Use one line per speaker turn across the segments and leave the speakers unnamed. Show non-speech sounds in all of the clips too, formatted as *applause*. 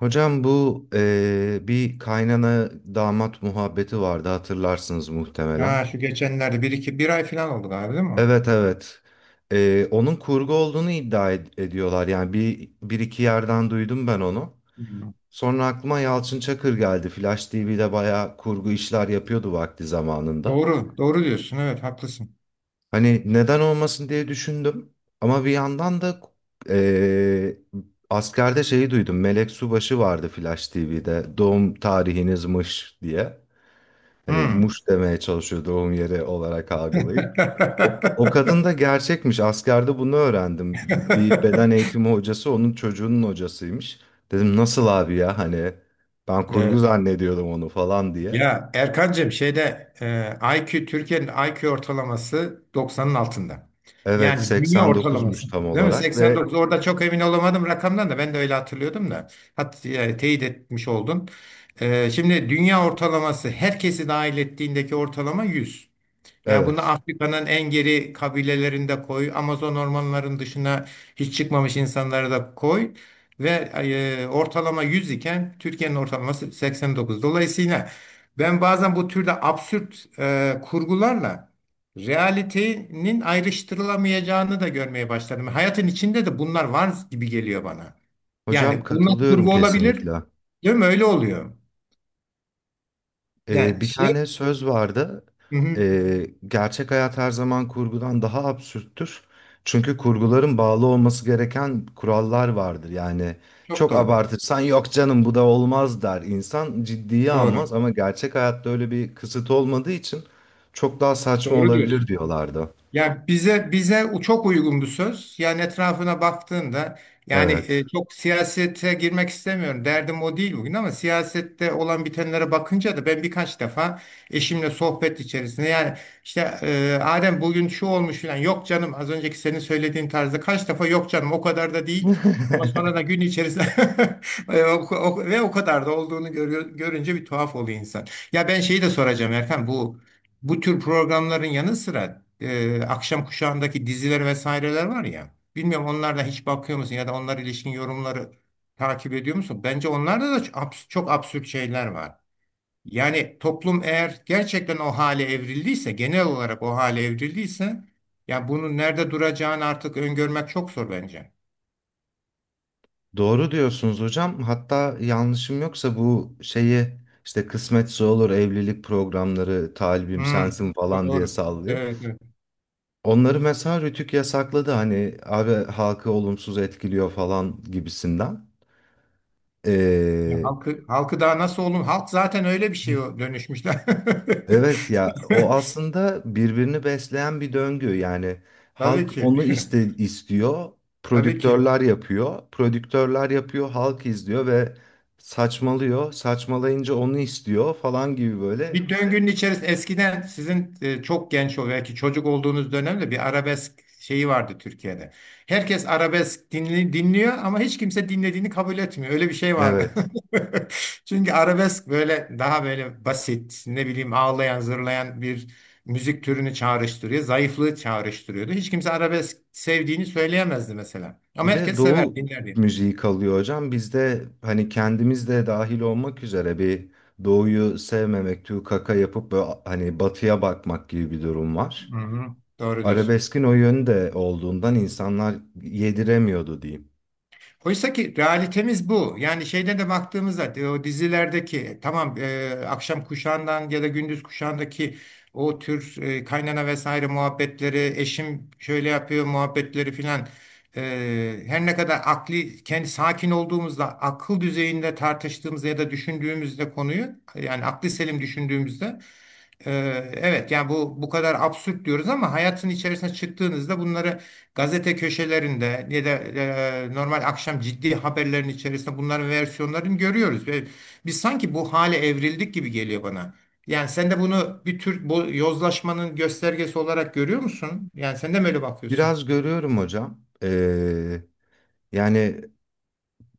Hocam bu bir kaynana damat muhabbeti vardı, hatırlarsınız muhtemelen.
Ha, şu geçenlerde bir iki bir ay falan oldu galiba, değil mi?
Evet, evet. Onun kurgu olduğunu ediyorlar. Yani bir iki yerden duydum ben onu.
Hmm.
Sonra aklıma Yalçın Çakır geldi. Flash TV'de bayağı kurgu işler yapıyordu vakti zamanında.
Doğru, doğru diyorsun. Evet, haklısın.
Hani neden olmasın diye düşündüm. Ama bir yandan da eee, askerde şeyi duydum. Melek Subaşı vardı Flash TV'de. Doğum tarihinizmiş diye. Hani
Hmm.
Muş demeye çalışıyor, doğum yeri olarak algılayıp. O kadın da
*laughs*
gerçekmiş. Askerde bunu öğrendim. Bir beden eğitimi hocası onun çocuğunun hocasıymış. Dedim nasıl abi ya, hani ben kurgu
Evet.
zannediyordum onu falan diye.
Ya Erkancığım, şeyde IQ Türkiye'nin IQ ortalaması 90'ın altında.
Evet,
Yani dünya ortalaması.
89'muş tam
Değil mi?
olarak ve
89. Orada çok emin olamadım rakamdan da, ben de öyle hatırlıyordum da. Teyit etmiş oldun. Şimdi dünya ortalaması, herkesi dahil ettiğindeki ortalama 100. Yani bunu
evet.
Afrika'nın en geri kabilelerinde koy, Amazon ormanlarının dışına hiç çıkmamış insanları da koy ve ortalama 100 iken Türkiye'nin ortalaması 89. Dolayısıyla ben bazen bu türde absürt kurgularla realitenin ayrıştırılamayacağını da görmeye başladım. Hayatın içinde de bunlar var gibi geliyor bana.
Hocam
Yani bunlar
katılıyorum
kurgu olabilir,
kesinlikle.
değil mi? Öyle oluyor. Yani
Bir
şey.
tane söz vardı.
Hı hı,
Gerçek hayat her zaman kurgudan daha absürttür. Çünkü kurguların bağlı olması gereken kurallar vardır. Yani
çok
çok
doğru.
abartırsan yok canım bu da olmaz der. İnsan ciddiye
Doğru.
almaz, ama gerçek hayatta öyle bir kısıt olmadığı için çok daha saçma
Doğru
olabilir
diyorsun.
diyorlardı.
Ya bize çok uygun bir söz. Yani etrafına baktığında, yani
Evet.
çok siyasete girmek istemiyorum. Derdim o değil bugün, ama siyasette olan bitenlere bakınca da ben birkaç defa eşimle sohbet içerisinde, yani işte Adem bugün şu olmuş filan, yok canım az önceki senin söylediğin tarzda, kaç defa yok canım o kadar da değil, ama sonra da
*laughs*
gün içerisinde *laughs* ve o kadar da olduğunu görüyor, görünce bir tuhaf oluyor insan. Ya ben şeyi de soracağım Erkan, bu tür programların yanı sıra akşam kuşağındaki diziler vesaireler var ya. Bilmiyorum, onlardan hiç bakıyor musun ya da onlara ilişkin yorumları takip ediyor musun? Bence onlarda da çok absürt şeyler var. Yani toplum eğer gerçekten o hale evrildiyse, genel olarak o hale evrildiyse, ya bunun nerede duracağını artık öngörmek çok zor bence.
Doğru diyorsunuz hocam. Hatta yanlışım yoksa bu şeyi işte kısmetse olur, evlilik programları, talibim
Hmm,
sensin falan diye
doğru.
sallıyor.
Evet, evet.
Onları mesela Rütük yasakladı, hani abi halkı olumsuz etkiliyor falan gibisinden.
Ya
Ee,
halkı daha nasıl olun? Halk zaten öyle bir şeye dönüşmüşler.
Evet ya, o
*laughs*
aslında birbirini besleyen bir döngü. Yani
Tabii
halk
ki.
onu istiyor,
*laughs* Tabii ki.
prodüktörler yapıyor, halk izliyor ve saçmalıyor. Saçmalayınca onu istiyor falan gibi böyle.
Bir döngünün içerisinde, eskiden sizin çok genç belki çocuk olduğunuz dönemde bir arabesk şeyi vardı Türkiye'de. Herkes arabesk dinliyor ama hiç kimse dinlediğini kabul etmiyor. Öyle bir şey vardı.
Evet.
*laughs* Çünkü arabesk böyle daha böyle basit, ne bileyim, ağlayan, zırlayan bir müzik türünü çağrıştırıyor, zayıflığı çağrıştırıyordu. Hiç kimse arabesk sevdiğini söyleyemezdi mesela. Ama
Bir de
herkes sever,
Doğu
dinlerdi.
müziği kalıyor hocam. Bizde hani kendimiz de dahil olmak üzere bir Doğu'yu sevmemek, tüy kaka yapıp böyle hani batıya bakmak gibi bir durum var.
Hı hı, doğru diyorsun.
Arabeskin o yönde olduğundan insanlar yediremiyordu diyeyim.
Oysa ki realitemiz bu. Yani şeyde de baktığımızda o dizilerdeki tamam akşam kuşağından ya da gündüz kuşağındaki o tür kaynana vesaire muhabbetleri, eşim şöyle yapıyor muhabbetleri filan, her ne kadar akli kendi sakin olduğumuzda, akıl düzeyinde tartıştığımızda ya da düşündüğümüzde konuyu, yani akli selim düşündüğümüzde, evet yani bu kadar absürt diyoruz, ama hayatın içerisine çıktığınızda bunları gazete köşelerinde ya da normal akşam ciddi haberlerin içerisinde bunların versiyonlarını görüyoruz ve biz sanki bu hale evrildik gibi geliyor bana. Yani sen de bunu bir tür bu yozlaşmanın göstergesi olarak görüyor musun? Yani sen de mi öyle bakıyorsun?
Biraz görüyorum hocam. Yani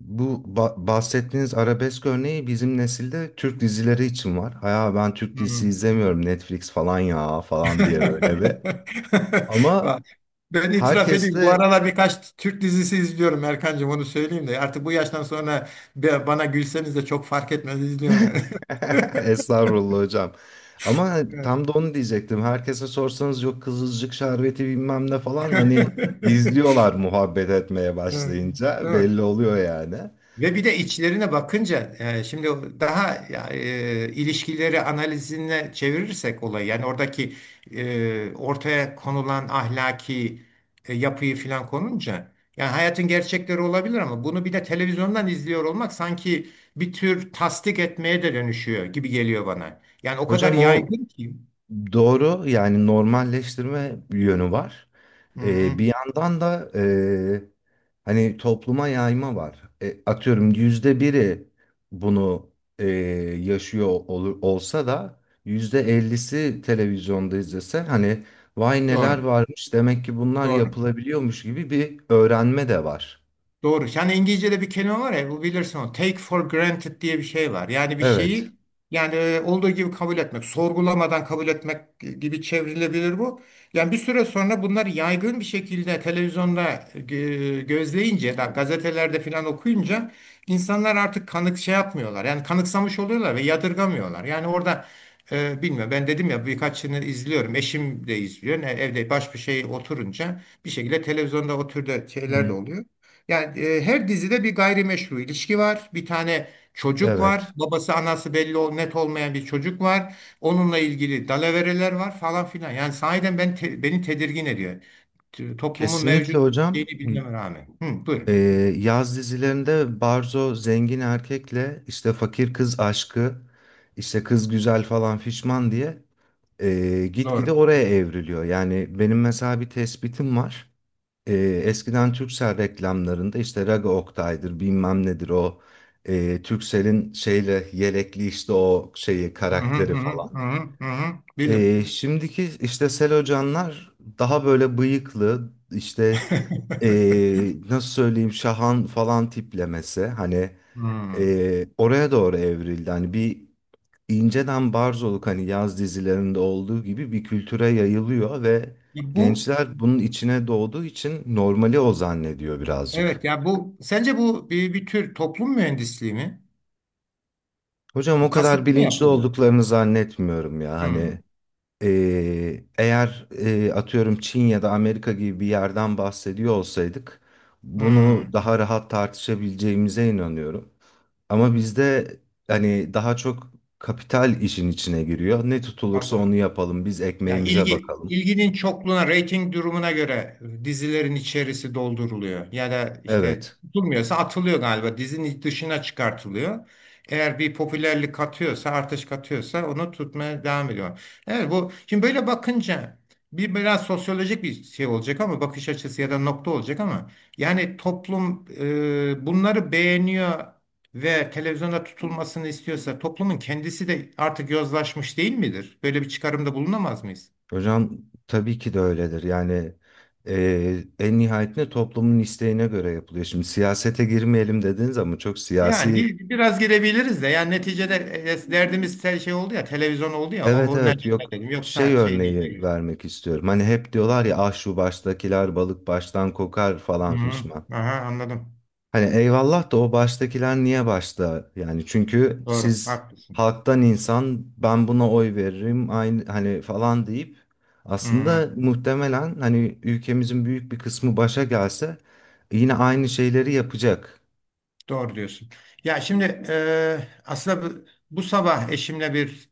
bu bahsettiğiniz arabesk örneği bizim nesilde Türk dizileri için var. Hayır, ben Türk
Hı.
dizisi izlemiyorum, Netflix falan ya falan diye böyle bir.
*laughs*
Ama
Bak, ben itiraf edeyim. Bu
herkesle
aralar birkaç Türk dizisi izliyorum Erkancığım, onu söyleyeyim de. Artık bu yaştan sonra bana gülseniz de çok fark etmez, izliyorum yani. *laughs*
*laughs* estağfurullah hocam. Ama
Evet.
tam da onu diyecektim. Herkese sorsanız yok Kızılcık şerbeti bilmem ne falan, hani
*laughs*
izliyorlar, muhabbet etmeye
Evet. Değil
başlayınca
mi?
belli oluyor yani.
Ve bir de içlerine bakınca, şimdi daha ilişkileri analizine çevirirsek olayı, yani oradaki ortaya konulan ahlaki yapıyı filan konunca, yani hayatın gerçekleri olabilir ama bunu bir de televizyondan izliyor olmak sanki bir tür tasdik etmeye de dönüşüyor gibi geliyor bana. Yani o kadar
Hocam o
yaygın ki.
doğru, yani normalleştirme yönü var.
Hı hı.
Bir yandan da e, hani topluma yayma var. E, atıyorum yüzde biri bunu e, yaşıyor olur, olsa da yüzde ellisi televizyonda izlese hani vay neler
Doğru,
varmış, demek ki bunlar
doğru.
yapılabiliyormuş gibi bir öğrenme de var.
Doğru. Yani İngilizce'de bir kelime var ya, bu bilirsin onu. Take for granted diye bir şey var. Yani bir
Evet.
şeyi, yani olduğu gibi kabul etmek, sorgulamadan kabul etmek gibi çevrilebilir bu. Yani bir süre sonra bunlar yaygın bir şekilde televizyonda gözleyince, da gazetelerde falan okuyunca insanlar artık kanık şey yapmıyorlar. Yani kanıksamış oluyorlar ve yadırgamıyorlar. Yani orada bilmiyorum, ben dedim ya, birkaçını izliyorum. Eşim de izliyor. Ne, evde baş bir şey oturunca bir şekilde televizyonda o türde şeyler de
Hı,
oluyor. Yani her dizide bir gayrimeşru ilişki var. Bir tane çocuk var.
evet.
Babası anası belli net olmayan bir çocuk var. Onunla ilgili dalavereler var, falan filan. Yani sahiden ben, beni tedirgin ediyor. Toplumun
Kesinlikle
mevcut şeyini
hocam.
bilmeme rağmen. Hı,
Ee,
buyurun.
yaz dizilerinde Barzo zengin erkekle işte fakir kız aşkı, işte kız güzel falan fişman diye e, gitgide
Doğru.
oraya evriliyor. Yani benim mesela bir tespitim var. E, eskiden Turkcell reklamlarında işte Raga Oktay'dır bilmem nedir, o e, Turkcell'in şeyle yelekli işte o şeyi
Hı hı
karakteri
hı hı hı
falan.
hı. Hı. Bilim.
E, şimdiki işte Selocanlar daha böyle bıyıklı, işte
*laughs*
e, nasıl söyleyeyim, Şahan falan tiplemesi hani
Hmm.
e, oraya doğru evrildi. Hani bir inceden barzoluk, hani yaz dizilerinde olduğu gibi bir kültüre yayılıyor ve
Ya Bu
gençler bunun içine doğduğu için normali o zannediyor birazcık.
Evet. Ya bu sence bu bir tür toplum mühendisliği mi?
Hocam
Bu
o kadar
kasıtlı mı
bilinçli
yapılıyor?
olduklarını zannetmiyorum ya,
Hmm.
hani e, eğer e, atıyorum Çin ya da Amerika gibi bir yerden bahsediyor olsaydık bunu
Hmm.
daha rahat tartışabileceğimize inanıyorum. Ama bizde hani daha çok kapital işin içine giriyor. Ne tutulursa onu
Anladım.
yapalım. Biz
Ya
ekmeğimize bakalım.
ilginin çokluğuna, reyting durumuna göre dizilerin içerisi dolduruluyor. Ya da işte,
Evet.
durmuyorsa atılıyor galiba. Dizinin dışına çıkartılıyor. Eğer bir popülerlik katıyorsa, artış katıyorsa, onu tutmaya devam ediyor. Evet, bu şimdi böyle bakınca biraz sosyolojik bir şey olacak ama, bakış açısı ya da nokta olacak ama, yani toplum bunları beğeniyor ve televizyonda tutulmasını istiyorsa, toplumun kendisi de artık yozlaşmış değil midir? Böyle bir çıkarımda bulunamaz mıyız?
Hocam tabii ki de öyledir. Yani e, en nihayetinde toplumun isteğine göre yapılıyor. Şimdi siyasete girmeyelim dediniz ama çok
Yani
siyasi.
biraz girebiliriz de, yani neticede derdimiz şey oldu ya, televizyon oldu ya, o,
Evet,
o ne
evet, yok,
dedim,
şey
yoksa şey değil.
örneği
Girelim.
vermek istiyorum. Hani hep diyorlar ya ah şu baştakiler balık baştan kokar falan
Hı,
fişman.
aha anladım.
Hani eyvallah da, o baştakiler niye başta? Yani çünkü
Doğru,
siz
haklısın.
halktan insan ben buna oy veririm aynı hani falan deyip
Hı.
aslında muhtemelen hani ülkemizin büyük bir kısmı başa gelse yine aynı şeyleri yapacak.
Doğru diyorsun. Ya şimdi aslında bu sabah eşimle bir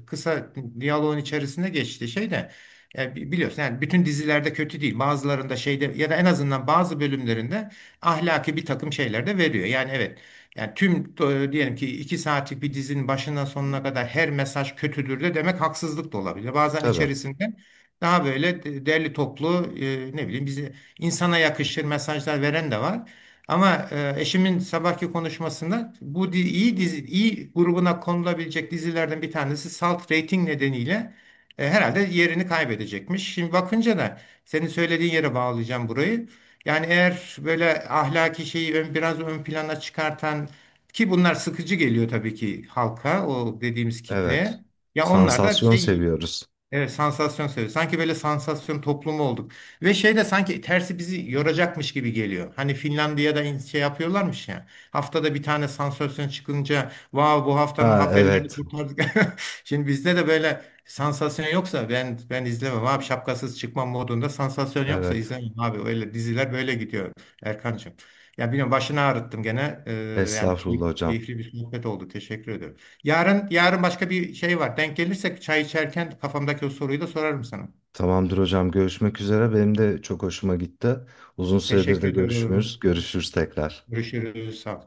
kısa diyaloğun içerisinde geçti şey de, biliyorsun yani bütün dizilerde kötü değil. Bazılarında şeyde ya da en azından bazı bölümlerinde ahlaki bir takım şeyler de veriyor. Yani evet, yani tüm diyelim ki 2 saatlik bir dizinin başından sonuna kadar her mesaj kötüdür de demek haksızlık da olabilir. Bazen
Tabii.
içerisinde daha böyle derli toplu ne bileyim, bizi insana yakışır mesajlar veren de var. Ama eşimin sabahki konuşmasında bu iyi dizi, iyi grubuna konulabilecek dizilerden bir tanesi salt rating nedeniyle herhalde yerini kaybedecekmiş. Şimdi bakınca da senin söylediğin yere bağlayacağım burayı. Yani eğer böyle ahlaki şeyi biraz ön plana çıkartan, ki bunlar sıkıcı geliyor tabii ki halka, o dediğimiz
Evet.
kitleye. Ya onlar da
Sansasyon
şey.
seviyoruz.
Evet, sansasyon seviyor. Sanki böyle sansasyon toplumu olduk. Ve şey de sanki tersi bizi yoracakmış gibi geliyor. Hani Finlandiya'da şey yapıyorlarmış ya. Haftada bir tane sansasyon çıkınca, vav bu haftanın
Ha,
haberlerini
evet.
kurtardık. *laughs* Şimdi bizde de böyle sansasyon yoksa, ben ben izlemem abi, şapkasız çıkmam modunda, sansasyon yoksa
Evet.
izlemem abi. Öyle diziler böyle gidiyor Erkancığım. Ya bilmiyorum, başını ağrıttım gene. Yani
Estağfurullah hocam.
keyifli bir sohbet oldu. Teşekkür ederim. Yarın başka bir şey var. Denk gelirsek çay içerken kafamdaki o soruyu da sorarım sana.
Tamamdır hocam. Görüşmek üzere. Benim de çok hoşuma gitti. Uzun süredir
Teşekkür
de
ediyorum.
görüşmüyoruz. Görüşürüz tekrar.
Görüşürüz. Sağ ol.